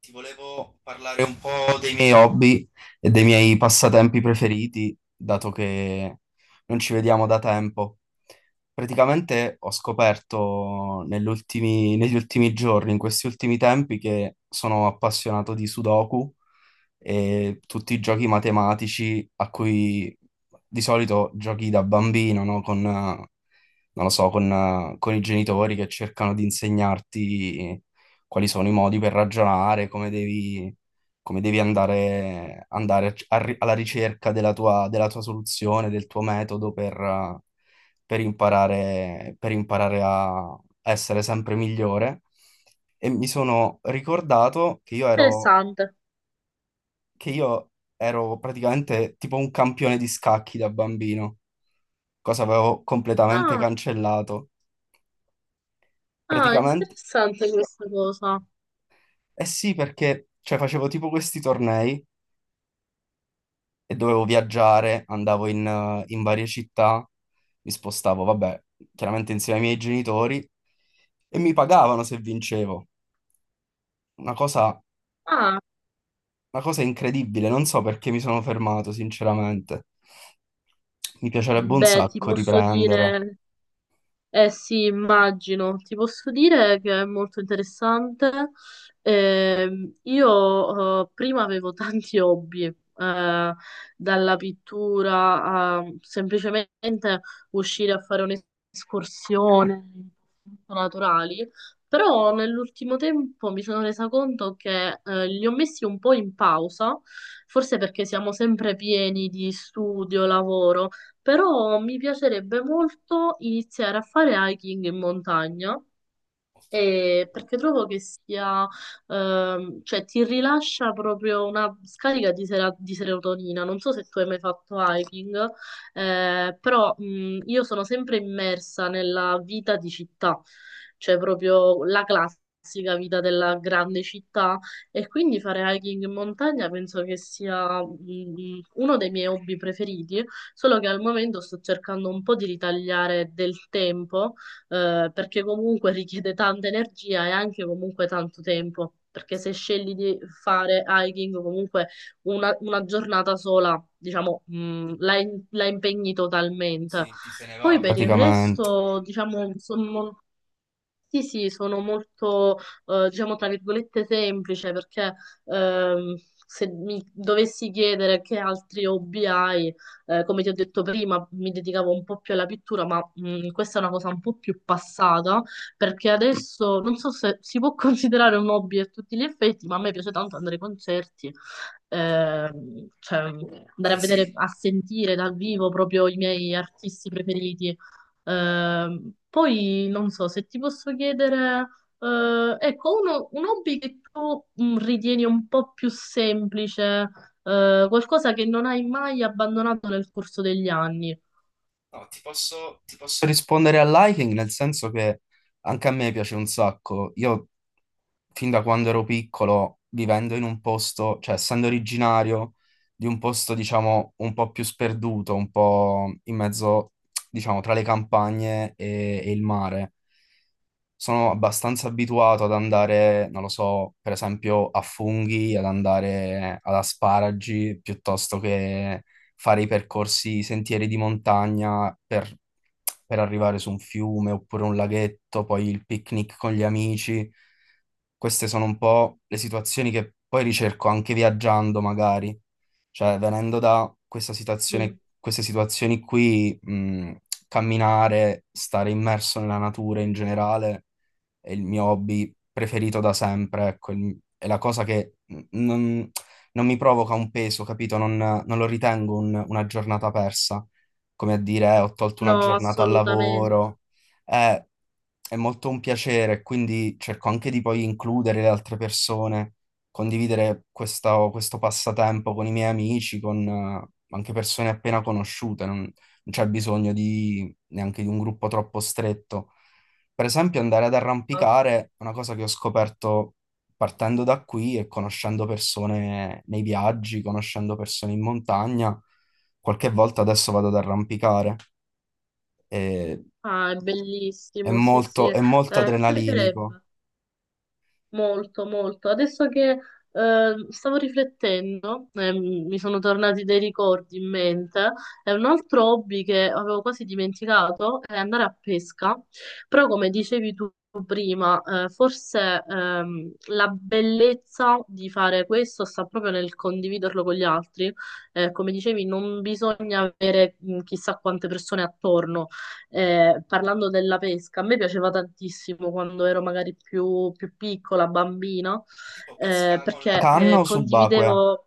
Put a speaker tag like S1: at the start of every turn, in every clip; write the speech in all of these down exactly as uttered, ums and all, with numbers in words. S1: Ti volevo parlare un po' dei miei hobby e dei miei passatempi preferiti, dato che non ci vediamo da tempo. Praticamente ho scoperto nell'ultimi- negli ultimi giorni, in questi ultimi tempi, che sono appassionato di Sudoku e tutti i giochi matematici a cui di solito giochi da bambino, no? Con, eh, non lo so, con, eh, con i genitori che cercano di insegnarti quali sono i modi per ragionare, come devi, come devi andare, andare a- a ri- alla ricerca della tua, della tua soluzione, del tuo metodo per, eh, per imparare, per imparare a essere sempre migliore. E mi sono ricordato che io ero
S2: Interessante.
S1: che io ero praticamente tipo un campione di scacchi da bambino, cosa avevo completamente
S2: Ah,
S1: cancellato.
S2: ah,
S1: Praticamente,
S2: interessante questa cosa.
S1: eh sì, perché cioè, facevo tipo questi tornei e dovevo viaggiare, andavo in, eh, in varie città, mi spostavo, vabbè, chiaramente insieme ai miei genitori e mi pagavano se vincevo. Una cosa,
S2: Ah,
S1: una cosa incredibile, non so perché mi sono fermato, sinceramente. Mi piacerebbe un
S2: beh, ti
S1: sacco
S2: posso
S1: riprendere.
S2: dire. Eh sì, immagino. Ti posso dire che è molto interessante. Ehm, io eh, prima avevo tanti hobby, eh, dalla pittura a semplicemente uscire a fare un'escursione, molto naturali, però nell'ultimo tempo mi sono resa conto che eh, li ho messi un po' in pausa, forse perché siamo sempre pieni di studio, lavoro, però mi piacerebbe molto iniziare a fare hiking in montagna. Eh, perché trovo che sia, ehm, cioè ti rilascia proprio una scarica di sera- di serotonina. Non so se tu hai mai fatto hiking, eh, però mh, io sono sempre immersa nella vita di città, cioè proprio la classica vita della grande città. E quindi fare hiking in montagna penso che sia mh, uno dei miei hobby preferiti, solo che al momento sto cercando un po' di ritagliare del tempo, eh, perché comunque richiede tanta energia e anche comunque tanto tempo, perché se scegli di fare hiking comunque una, una giornata sola, diciamo, mh, la, in- la impegni totalmente. Poi
S1: praticamente.
S2: per il
S1: praticamente.
S2: resto, diciamo, sono sì, sì, sono molto, eh, diciamo, tra virgolette semplice, perché ehm, se mi dovessi chiedere che altri hobby hai, eh, come ti ho detto prima, mi dedicavo un po' più alla pittura, ma mh, questa è una cosa un po' più passata, perché adesso non so se si può considerare un hobby a tutti gli effetti, ma a me piace tanto andare ai concerti, ehm, cioè andare a vedere, a sentire dal vivo proprio i miei artisti preferiti. Ehm, poi non so se ti posso chiedere, eh, ecco, uno- un hobby che tu mh, ritieni un po' più semplice, eh, qualcosa che non hai mai abbandonato nel corso degli anni.
S1: no, ti posso, ti posso rispondere al liking, nel senso che anche a me piace un sacco. Io fin da quando ero piccolo, vivendo in un posto, cioè essendo originario di un posto, diciamo, un po' più sperduto, un po' in mezzo, diciamo, tra le campagne e, e il mare. Sono abbastanza abituato ad andare, non lo so, per esempio a funghi, ad andare ad asparagi, piuttosto che fare i percorsi, i sentieri di montagna per, per arrivare su un fiume oppure un laghetto, poi il picnic con gli amici. Queste sono un po' le situazioni che poi ricerco anche viaggiando, magari. Cioè, venendo da questa
S2: Sì.
S1: situazione, queste situazioni qui, mh, camminare, stare immerso nella natura in generale è il mio hobby preferito da sempre, ecco, il- è la cosa che n- non, non mi provoca un peso, capito? Non, non lo ritengo un- una giornata persa, come a dire, eh, ho tolto una
S2: No,
S1: giornata al
S2: assolutamente.
S1: lavoro. Eh, è molto un piacere, quindi cerco anche di poi includere le altre persone, condividere questa- questo passatempo con i miei amici, con eh, anche persone appena conosciute, non, non c'è bisogno di, neanche di un gruppo troppo stretto. Per esempio, andare ad arrampicare
S2: Esatto.
S1: è una cosa che ho scoperto partendo da qui e conoscendo persone nei viaggi, conoscendo persone in montagna. Qualche volta adesso vado ad arrampicare e
S2: Ah, è
S1: è
S2: bellissimo, sì, sì.
S1: molto,
S2: Eh,
S1: è molto
S2: mi
S1: adrenalinico.
S2: piacerebbe. Molto, molto. Adesso che eh, stavo riflettendo, eh, mi sono tornati dei ricordi in mente. È un altro hobby che avevo quasi dimenticato, è andare a pesca. Però, come dicevi tu prima, eh, forse ehm, la bellezza di fare questo sta proprio nel condividerlo con gli altri. Eh, come dicevi, non bisogna avere mh, chissà quante persone attorno, eh, parlando della pesca, a me piaceva tantissimo quando ero magari più, più piccola, bambina,
S1: Tipo
S2: eh,
S1: pesca con la
S2: perché
S1: canna
S2: eh,
S1: o subacquea?
S2: condividevo,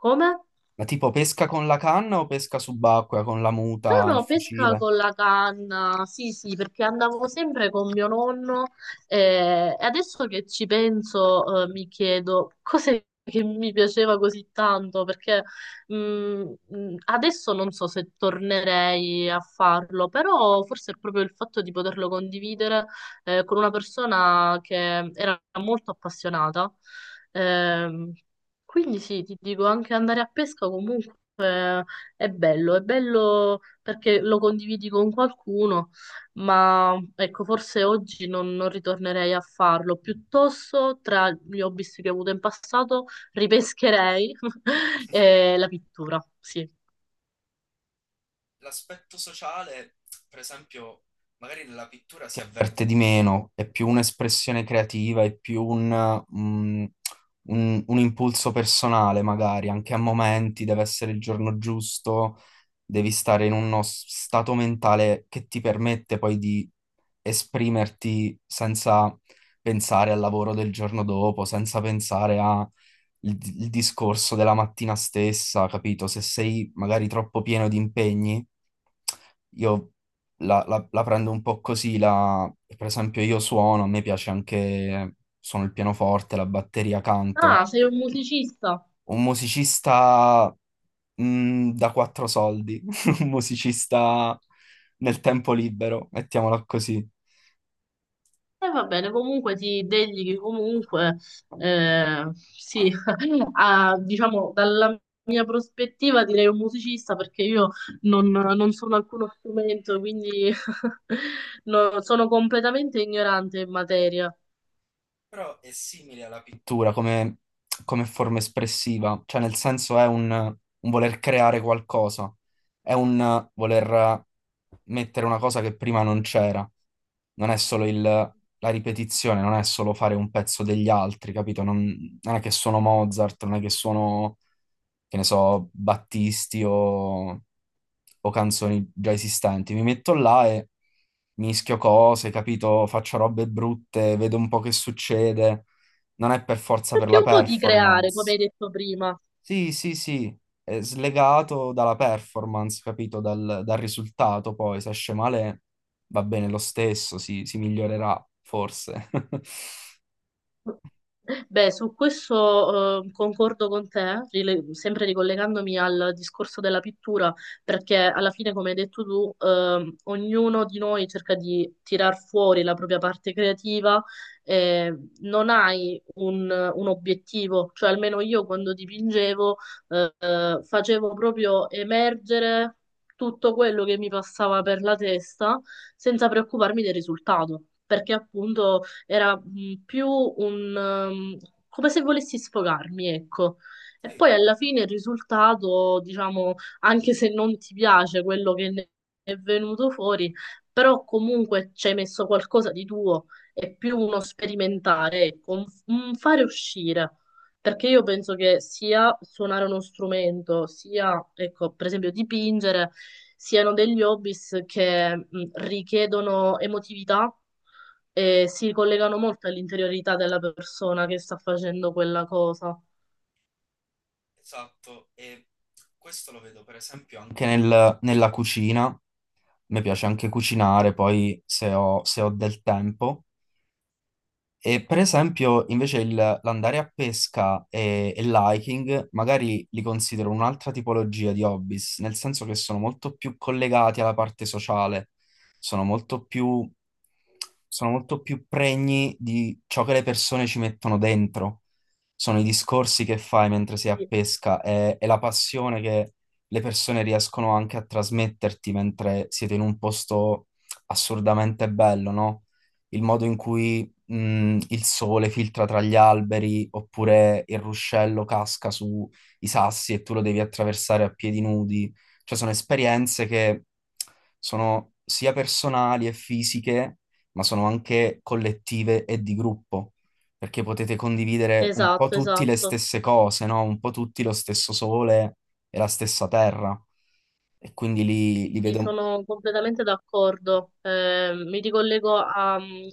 S2: come?
S1: Ma tipo pesca con la canna o pesca subacquea con la
S2: No,
S1: muta, il
S2: no, pesca
S1: fucile?
S2: con la canna, sì, sì, perché andavo sempre con mio nonno, eh, e adesso che ci penso eh, mi chiedo cos'è che mi piaceva così tanto, perché mh, mh, adesso non so se tornerei a farlo, però forse è proprio il fatto di poterlo condividere, eh, con una persona che era molto appassionata. Ehm, quindi sì, ti dico, anche andare a pesca comunque è bello, è bello perché lo condividi con qualcuno, ma ecco, forse oggi non, non ritornerei a farlo. Piuttosto, tra gli hobby che ho avuto in passato, ripescherei eh, la pittura. Sì.
S1: Magari nella pittura si avverte di meno, è più un'espressione creativa, è più un, mm, un- un impulso personale, magari anche a momenti, deve essere il giorno giusto, devi stare in uno s- stato mentale che ti permette poi di esprimerti senza pensare al lavoro del giorno dopo, senza pensare al discorso della mattina stessa, capito? Se sei magari troppo pieno di impegni, io la, la- la prendo un po' così, la- per esempio io suono, a me piace anche, suono il pianoforte, la batteria,
S2: Ah,
S1: canto.
S2: sei un musicista?
S1: Un musicista. Mm, da quattro soldi, un musicista nel tempo libero, mettiamola così.
S2: E va bene, comunque ti dedichi comunque, eh, sì, a, diciamo, dalla mia prospettiva direi un musicista perché io non, non sono alcuno strumento, quindi no, sono completamente ignorante in materia.
S1: Però è simile alla pittura come, come forma espressiva, cioè nel senso è un, un voler creare qualcosa, è un voler mettere una cosa che prima non c'era, non è solo il- la ripetizione, non è solo fare un pezzo degli altri, capito? Non, non è che sono Mozart, non è che sono, che ne so, Battisti o... o canzoni già esistenti. Mi metto là e mischio cose, capito? Faccio robe brutte, vedo un po' che succede. Non è per forza per
S2: Perché
S1: la
S2: un po' di creare, come
S1: performance.
S2: hai detto prima.
S1: Sì, sì, sì, è slegato dalla performance, capito? Dal, dal risultato poi, se esce male va bene lo stesso, si, si migliorerà forse.
S2: Beh, su questo eh, concordo con te, rile- sempre ricollegandomi al discorso della pittura, perché alla fine, come hai detto tu, ehm, ognuno di noi cerca di tirar fuori la propria parte creativa, eh, non hai un, un obiettivo, cioè almeno io quando dipingevo eh, facevo proprio emergere tutto quello che mi passava per la testa senza preoccuparmi del risultato. Perché appunto era mh, più un... ehm, come se volessi sfogarmi, ecco. E poi alla fine il risultato, diciamo, anche se non ti piace quello che ne è venuto fuori, però comunque ci hai messo qualcosa di tuo, è più uno sperimentare, ecco, un un fare uscire. Perché io penso che sia suonare uno strumento, sia, ecco, per esempio dipingere, siano degli hobbies che mh, richiedono emotività e si collegano molto all'interiorità della persona che sta facendo quella cosa.
S1: Esatto, e questo lo vedo per esempio anche nel- nella cucina. Mi piace anche cucinare, poi se ho, se ho del tempo. E per esempio, invece, il- l'andare a pesca e, e l'hiking magari li considero un'altra tipologia di hobbies, nel senso che sono molto più collegati alla parte sociale, sono molto più, sono molto più pregni di ciò che le persone ci mettono dentro. Sono i discorsi che fai mentre sei a
S2: Sì.
S1: pesca e, e la passione che le persone riescono anche a trasmetterti mentre siete in un posto assurdamente bello, no? Il modo in cui mh, il sole filtra tra gli alberi oppure il ruscello casca sui sassi e tu lo devi attraversare a piedi nudi. Cioè sono esperienze che sono sia personali e fisiche, ma sono anche collettive e di gruppo, perché potete condividere un po'
S2: Esatto,
S1: tutti le
S2: esatto.
S1: stesse cose, no? Un po' tutti lo stesso sole e la stessa terra. E quindi li, li
S2: Sì,
S1: vedo...
S2: sono completamente d'accordo. Eh, mi ricollego a mm,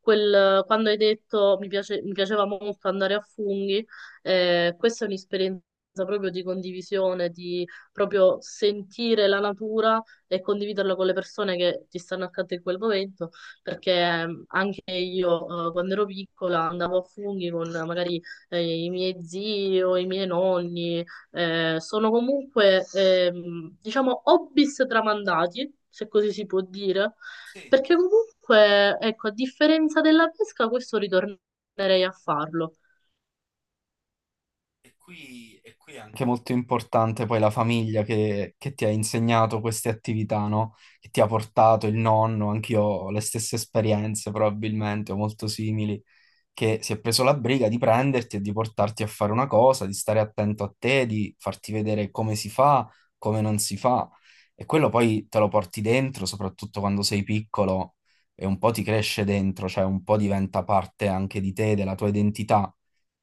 S2: quel quando hai detto mi piace- mi piaceva molto andare a funghi. Eh, questa è un'esperienza proprio di condivisione, di proprio sentire la natura e condividerla con le persone che ti stanno accanto in quel momento. Perché ehm, anche io, eh, quando ero piccola, andavo a funghi con eh, magari eh, i miei zii o i miei nonni, eh, sono comunque, ehm, diciamo, hobbies tramandati, se così si può dire, perché comunque, ecco, a differenza della pesca, questo ritornerei a farlo.
S1: Che è molto importante poi la famiglia che, che ti ha insegnato queste attività, no? Che ti ha portato il nonno, anch'io ho le stesse esperienze probabilmente, o molto simili, che si è preso la briga di prenderti e di portarti a fare una cosa, di stare attento a te, di farti vedere come si fa, come non si fa. E quello poi te lo porti dentro, soprattutto quando sei piccolo, e un po' ti cresce dentro, cioè un po' diventa parte anche di te, della tua identità.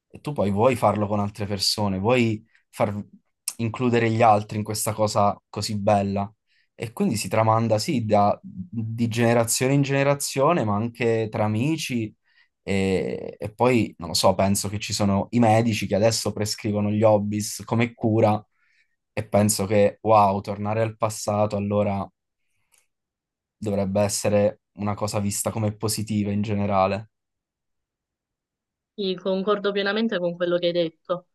S1: E tu poi vuoi farlo con altre persone, vuoi far includere gli altri in questa cosa così bella. E quindi si tramanda, sì, da, di generazione in generazione, ma anche tra amici e, e poi, non lo so, penso che ci sono i medici che adesso prescrivono gli hobbies come cura e penso che, wow, tornare al passato allora dovrebbe essere una cosa vista come positiva in generale.
S2: Quindi concordo pienamente con quello che hai detto.